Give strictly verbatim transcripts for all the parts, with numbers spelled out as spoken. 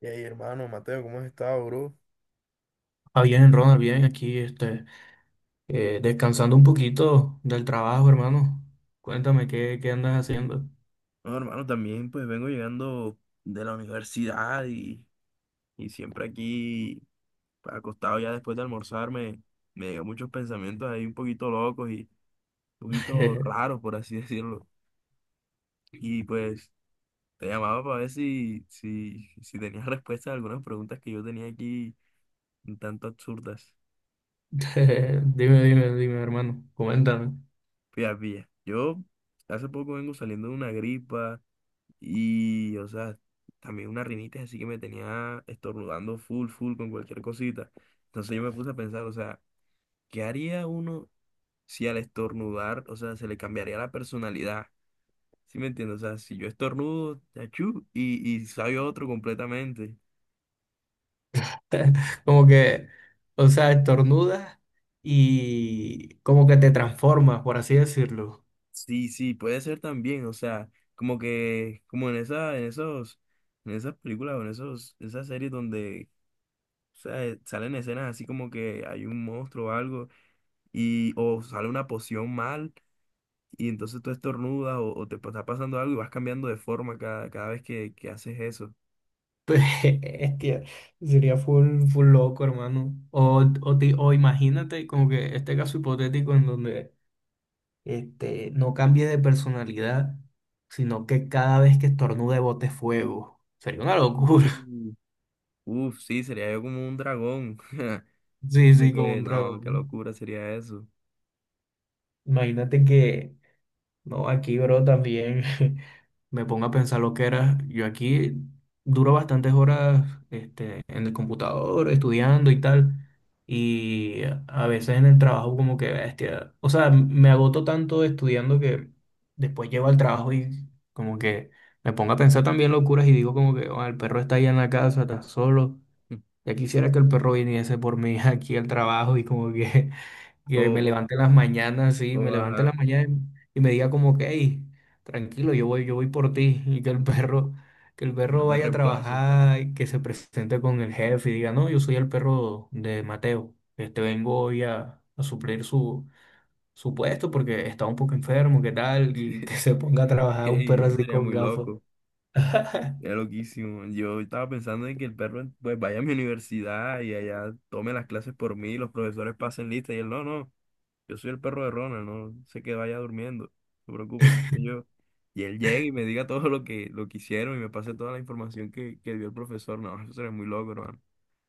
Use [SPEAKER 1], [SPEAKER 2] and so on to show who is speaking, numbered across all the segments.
[SPEAKER 1] Y ahí, hermano, Mateo, ¿cómo has estado, bro?
[SPEAKER 2] Ah, bien, Ronald, bien, aquí este, eh, descansando un poquito del trabajo, hermano. Cuéntame, ¿qué, qué andas haciendo?
[SPEAKER 1] Bueno, hermano, también pues vengo llegando de la universidad y, y siempre aquí pues, acostado ya después de almorzar me, me llegan muchos pensamientos ahí un poquito locos y un poquito raros, por así decirlo. Y pues te llamaba para ver si, si, si tenías respuestas a algunas preguntas que yo tenía aquí un tanto absurdas.
[SPEAKER 2] Dime, dime, dime, hermano, coméntame.
[SPEAKER 1] Fíjate, pilla, yo hace poco vengo saliendo de una gripa. Y, o sea, también una rinitis así que me tenía estornudando full, full con cualquier cosita. Entonces yo me puse a pensar, o sea, ¿qué haría uno si al estornudar, o sea, se le cambiaría la personalidad? ¿Sí me entiendes? O sea, si yo estornudo, achú, y, y sabe otro completamente.
[SPEAKER 2] Como que, o sea, estornudas y como que te transformas, por así decirlo.
[SPEAKER 1] Sí, sí, puede ser también, o sea, como que, como en esa, en esos, en esas películas o en esos, esas series donde, o sea, salen escenas así como que hay un monstruo o algo y o sale una poción mal y entonces tú estornudas o, o te está pasando algo y vas cambiando de forma cada, cada vez que, que haces eso.
[SPEAKER 2] Hostia, sería full, full loco, hermano. O, o, ti- o imagínate como que este caso hipotético en donde este, no cambie de personalidad, sino que cada vez que estornude bote fuego. Sería una locura.
[SPEAKER 1] Mm. Uf, sí, sería yo como un dragón.
[SPEAKER 2] Sí,
[SPEAKER 1] Como
[SPEAKER 2] sí, como
[SPEAKER 1] que
[SPEAKER 2] un
[SPEAKER 1] no,
[SPEAKER 2] dragón,
[SPEAKER 1] qué
[SPEAKER 2] ¿no?
[SPEAKER 1] locura sería eso.
[SPEAKER 2] Imagínate que no, aquí, bro, también me pongo a pensar lo que era. Yo aquí duro bastantes horas este, en el computador, estudiando y tal. Y a veces en el trabajo como que, bestia, o sea, me agoto tanto estudiando que después llego al trabajo y como que me pongo a pensar también locuras y digo como que: "Oh, el perro está allá en la casa, está solo. Ya quisiera que el perro viniese por mí aquí al trabajo y como que
[SPEAKER 1] O,
[SPEAKER 2] que me
[SPEAKER 1] o,
[SPEAKER 2] levante en las mañanas, sí,
[SPEAKER 1] o,
[SPEAKER 2] me levante en las
[SPEAKER 1] ajá,
[SPEAKER 2] mañanas y me diga como que: hey, tranquilo, yo voy, yo voy por ti, y que el perro, que el
[SPEAKER 1] yo
[SPEAKER 2] perro
[SPEAKER 1] te
[SPEAKER 2] vaya a
[SPEAKER 1] reemplazo.
[SPEAKER 2] trabajar y que se presente con el jefe y diga: no, yo soy el perro de Mateo, este vengo hoy a, a suplir su, su puesto porque está un poco enfermo, ¿qué tal? Y que se ponga a trabajar un
[SPEAKER 1] Ey,
[SPEAKER 2] perro
[SPEAKER 1] eso
[SPEAKER 2] así
[SPEAKER 1] sería
[SPEAKER 2] con
[SPEAKER 1] muy
[SPEAKER 2] gafas".
[SPEAKER 1] loco. Es loquísimo. Yo estaba pensando en que el perro pues vaya a mi universidad y allá tome las clases por mí, los profesores pasen lista y él no, no. Yo soy el perro de Ronald, no sé, que vaya durmiendo. No se preocupe, que yo, y él llegue y me diga todo lo que, lo que hicieron y me pase toda la información que, que dio el profesor. No, eso sería muy loco, hermano.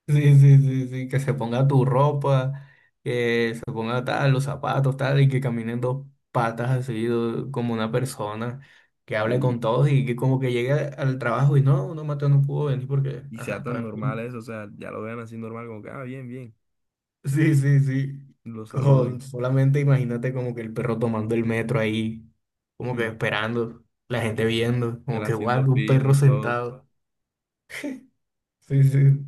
[SPEAKER 2] Sí, sí, sí, sí, que se ponga tu ropa, que se ponga tal, los zapatos, tal, y que caminen dos patas así do- como una persona, que hable
[SPEAKER 1] Y,
[SPEAKER 2] con todos y que como que llegue al trabajo y no, no, Mateo no pudo venir porque,
[SPEAKER 1] y
[SPEAKER 2] ajá,
[SPEAKER 1] sea
[SPEAKER 2] estaba
[SPEAKER 1] tan
[SPEAKER 2] enfermo.
[SPEAKER 1] normal eso, o sea, ya lo vean así normal, como que, ah, bien, bien.
[SPEAKER 2] Sí, sí, sí,
[SPEAKER 1] Y lo
[SPEAKER 2] con,
[SPEAKER 1] saluden.
[SPEAKER 2] solamente imagínate como que el perro tomando el metro ahí, como que
[SPEAKER 1] Hmm,
[SPEAKER 2] esperando, la gente viendo,
[SPEAKER 1] y él
[SPEAKER 2] como que guau,
[SPEAKER 1] haciendo
[SPEAKER 2] un
[SPEAKER 1] fila
[SPEAKER 2] perro
[SPEAKER 1] y todo.
[SPEAKER 2] sentado. Sí, sí.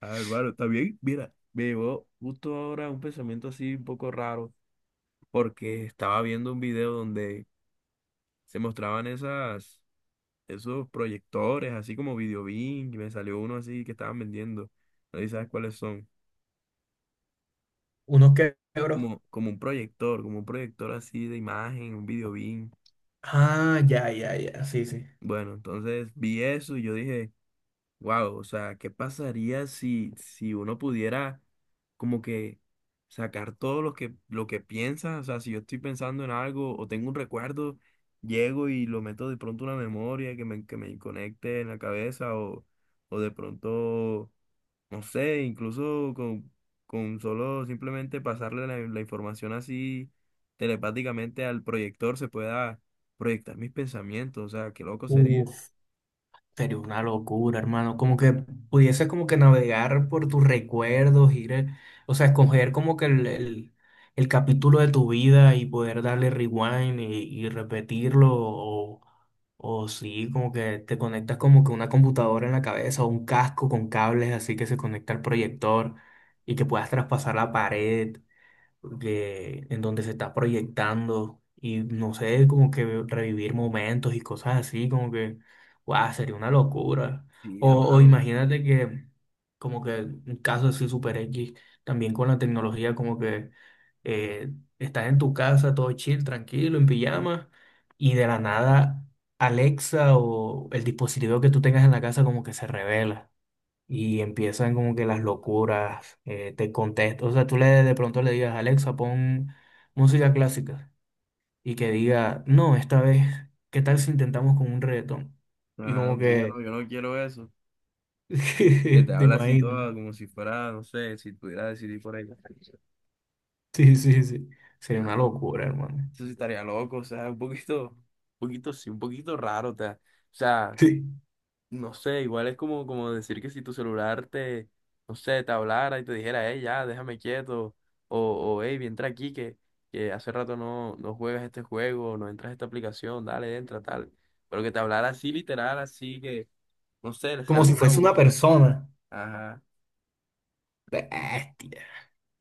[SPEAKER 1] Ah, hermano, está bien. Mira, me llegó justo ahora un pensamiento así un poco raro, porque estaba viendo un video donde se mostraban esas, esos proyectores, así como Videobeam, y me salió uno así que estaban vendiendo. No sé si sabes cuáles son.
[SPEAKER 2] Unos quebros.
[SPEAKER 1] Como, como un proyector, como un proyector así de imagen, un Videobeam.
[SPEAKER 2] Ah, ya, ya, ya, sí, sí.
[SPEAKER 1] Bueno, entonces vi eso y yo dije, wow, o sea, ¿qué pasaría si, si uno pudiera como que sacar todo lo que, lo que piensa? O sea, si yo estoy pensando en algo o tengo un recuerdo, llego y lo meto de pronto a una memoria que me, que me conecte en la cabeza o, o de pronto no sé, incluso con, con solo simplemente pasarle la, la información así telepáticamente al proyector se pueda proyectar mis pensamientos, o sea, qué loco sería.
[SPEAKER 2] Uf, sería una locura, hermano. Como que pudieses como que navegar por tus recuerdos, ir, eh, o sea, escoger como que el, el- el capítulo de tu vida y poder darle rewind y, y repetirlo. O, o sí, como que te conectas como que una computadora en la cabeza o un casco con cables así que se conecta al proyector y que puedas traspasar la pared de- en donde se está proyectando y no sé, como que revivir momentos y cosas así, como que guau, sería una locura.
[SPEAKER 1] Sí,
[SPEAKER 2] O, o
[SPEAKER 1] hermano,
[SPEAKER 2] imagínate que, como que un caso así super X, también con la tecnología, como que eh, estás en tu casa, todo chill, tranquilo, en pijama, y de la nada Alexa o el dispositivo que tú tengas en la casa como que se revela y empiezan como que las locuras, eh, te contestan, o sea, tú le de pronto le digas: Alexa, pon música clásica, y que diga: no, esta vez, ¿qué tal si intentamos con un reggaetón?
[SPEAKER 1] o
[SPEAKER 2] Y
[SPEAKER 1] sea,
[SPEAKER 2] como
[SPEAKER 1] un día
[SPEAKER 2] que,
[SPEAKER 1] no, yo no quiero eso. Que te
[SPEAKER 2] te
[SPEAKER 1] habla así
[SPEAKER 2] imaginas,
[SPEAKER 1] todo como si fuera, no sé, si pudiera decidir por ella.
[SPEAKER 2] sí, sí, sí, sería
[SPEAKER 1] Ah,
[SPEAKER 2] una locura, hermano.
[SPEAKER 1] eso sí estaría loco, o sea, un poquito, un poquito, sí, un poquito raro, o sea, o sea,
[SPEAKER 2] Sí,
[SPEAKER 1] no sé, igual es como, como decir que si tu celular te, no sé, te hablara y te dijera, hey, ya, déjame quieto, o, o hey, entra aquí que, que hace rato no, no juegas este juego, no entras a esta aplicación, dale, entra, tal. Pero que te hablara así, literal, así que, no sé, le
[SPEAKER 2] como
[SPEAKER 1] sale
[SPEAKER 2] si
[SPEAKER 1] una
[SPEAKER 2] fuese una
[SPEAKER 1] boca.
[SPEAKER 2] persona.
[SPEAKER 1] Ajá.
[SPEAKER 2] Bestia.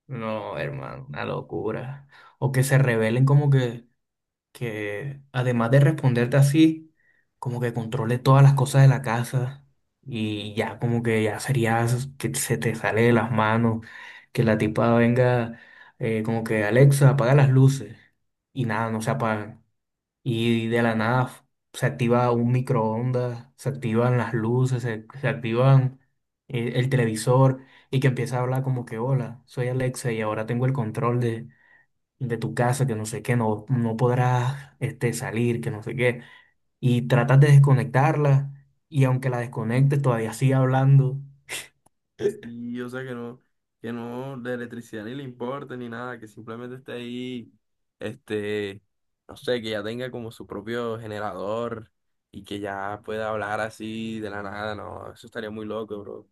[SPEAKER 2] No, hermano, una locura. O que se rebelen como que... que además de responderte así, como que controle todas las cosas de la casa y ya como que ya sería s- que se te sale de las manos, que la tipa venga eh, como que Alexa, apaga las luces, y nada, no se apagan. Y de la nada f- se activa un microondas, se activan las luces, se, se activan eh, el televisor y que empieza a hablar como que: hola, soy Alexa y ahora tengo el control de tu casa, que no sé qué, no, no podrás este, salir, que no sé qué. Y tratas de desconectarla y aunque la desconectes todavía sigue hablando.
[SPEAKER 1] Sí, o sea que no, que no la electricidad ni le importe ni nada, que simplemente esté ahí, este, no sé, que ya tenga como su propio generador y que ya pueda hablar así de la nada, no, eso estaría muy loco, bro. O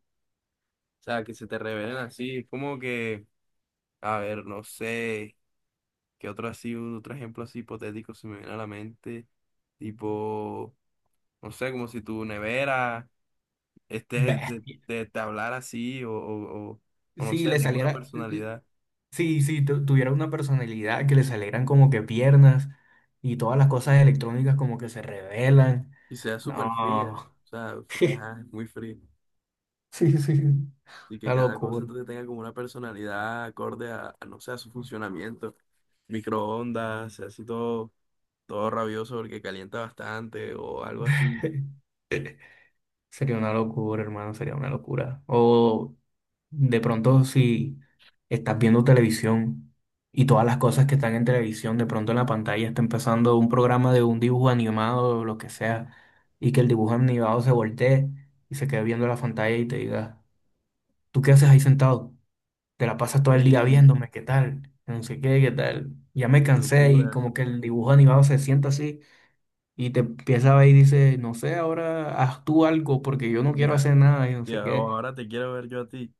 [SPEAKER 1] sea, que se te revelen así, es como que, a ver, no sé, qué otro así, otro ejemplo así hipotético se me viene a la mente, tipo, no sé, como si tu nevera este, de,
[SPEAKER 2] Bestia.
[SPEAKER 1] de- de hablar así o, o, o, o no
[SPEAKER 2] Si
[SPEAKER 1] sé,
[SPEAKER 2] le
[SPEAKER 1] tenga una
[SPEAKER 2] saliera,
[SPEAKER 1] personalidad
[SPEAKER 2] sí sí tu- tuviera una personalidad que le salieran como que piernas y todas las cosas electrónicas como que se revelan.
[SPEAKER 1] y sea súper fría,
[SPEAKER 2] No.
[SPEAKER 1] o sea, porque ajá, es muy fría.
[SPEAKER 2] Sí, sí.
[SPEAKER 1] Y que
[SPEAKER 2] Una
[SPEAKER 1] cada cosa
[SPEAKER 2] locura.
[SPEAKER 1] entonces tenga como una personalidad acorde a, a, no sé, a su funcionamiento. Microondas, así todo, todo rabioso porque calienta bastante o algo así.
[SPEAKER 2] Sería una locura, hermano, sería una locura. O de pronto, si estás viendo televisión y todas las cosas que están en televisión, de pronto en la pantalla está empezando un programa de un dibujo animado o lo que sea, y que el dibujo animado se voltee y se quede viendo la pantalla y te diga: ¿tú qué haces ahí sentado? Te la pasas todo el día
[SPEAKER 1] ¡Ey!
[SPEAKER 2] viéndome, ¿qué tal? No sé qué, ¿qué tal? Ya me
[SPEAKER 1] ¡Qué
[SPEAKER 2] cansé, y
[SPEAKER 1] locura!
[SPEAKER 2] como que el dibujo animado se sienta así y te empieza a ver y dice: no sé, ahora haz tú algo porque yo no quiero
[SPEAKER 1] Ya,
[SPEAKER 2] hacer nada y no sé
[SPEAKER 1] ya,
[SPEAKER 2] qué.
[SPEAKER 1] ahora te quiero ver yo a ti.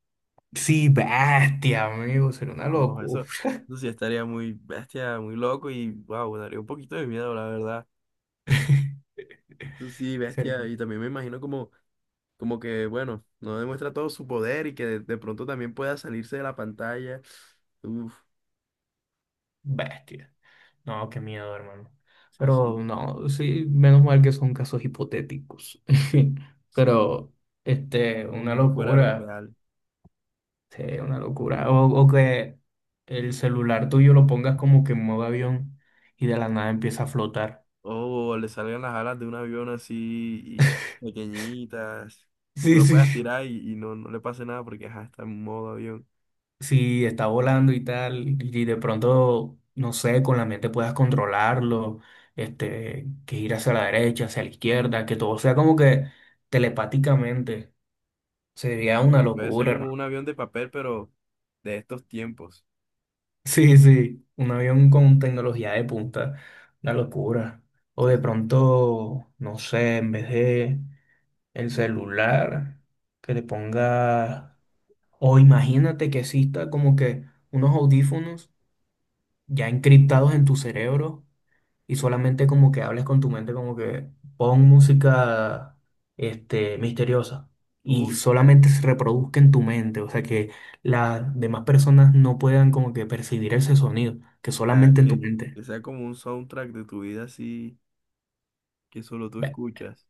[SPEAKER 2] Sí, bestia, amigo, sería una
[SPEAKER 1] No,
[SPEAKER 2] locura.
[SPEAKER 1] eso, eso sí estaría muy bestia, muy loco y wow, daría un poquito de miedo, la verdad. Eso sí,
[SPEAKER 2] Sería
[SPEAKER 1] bestia, y
[SPEAKER 2] un-
[SPEAKER 1] también me imagino como, como que, bueno, no demuestra todo su poder y que de, de pronto también pueda salirse de la pantalla. Uf,
[SPEAKER 2] bestia. No, qué miedo, hermano.
[SPEAKER 1] sí,
[SPEAKER 2] Pero
[SPEAKER 1] sí,
[SPEAKER 2] no, sí, menos mal que son casos hipotéticos.
[SPEAKER 1] sí,
[SPEAKER 2] Pero este,
[SPEAKER 1] un
[SPEAKER 2] una
[SPEAKER 1] poquito fuera de lo
[SPEAKER 2] locura.
[SPEAKER 1] real.
[SPEAKER 2] Sí, una locura. O, o que el celular tuyo lo pongas como que en modo avión y de la nada empieza a flotar.
[SPEAKER 1] O le salgan las alas de un avión así y, pequeñitas y tú
[SPEAKER 2] Sí,
[SPEAKER 1] lo
[SPEAKER 2] sí.
[SPEAKER 1] puedas tirar y, y no, no le pase nada porque ajá, está en modo avión.
[SPEAKER 2] Si está volando y tal, y de pronto, no sé, con la mente puedas controlarlo, este, que ir hacia la derecha, hacia la izquierda, que todo sea como que telepáticamente, sería una
[SPEAKER 1] Y puede ser
[SPEAKER 2] locura,
[SPEAKER 1] como
[SPEAKER 2] hermano.
[SPEAKER 1] un avión de papel, pero de estos tiempos.
[SPEAKER 2] Sí, sí, un avión con tecnología de punta, una locura. O de
[SPEAKER 1] Sí,
[SPEAKER 2] pronto, no sé, en vez de el celular, que le ponga, o imagínate que exista como que unos audífonos ya encriptados en tu cerebro y solamente como que hables con tu mente como que pon música este, misteriosa, y
[SPEAKER 1] uf,
[SPEAKER 2] solamente se reproduzca en tu mente, o sea que las demás personas no puedan como que percibir ese sonido, que
[SPEAKER 1] o sea,
[SPEAKER 2] solamente en tu
[SPEAKER 1] que,
[SPEAKER 2] mente.
[SPEAKER 1] que sea como un soundtrack de tu vida así que solo tú
[SPEAKER 2] Be-
[SPEAKER 1] escuchas.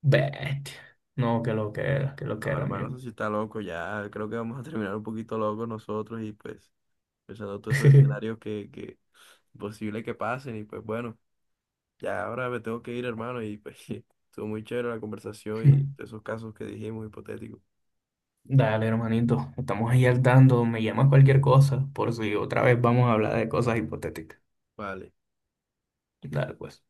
[SPEAKER 2] Bestia. No, que lo que era, que lo que
[SPEAKER 1] No,
[SPEAKER 2] era,
[SPEAKER 1] hermano,
[SPEAKER 2] amigo.
[SPEAKER 1] eso sí está loco. Ya creo que vamos a terminar un poquito locos nosotros y pues pensando todos esos escenarios que, que posible que pasen. Y pues bueno, ya ahora me tengo que ir, hermano. Y pues estuvo muy chévere la conversación y esos casos que dijimos hipotéticos.
[SPEAKER 2] Dale, hermanito, estamos ahí al tanto, me llamas cualquier cosa, por si otra vez vamos a hablar de cosas hipotéticas.
[SPEAKER 1] Vale.
[SPEAKER 2] Dale, pues.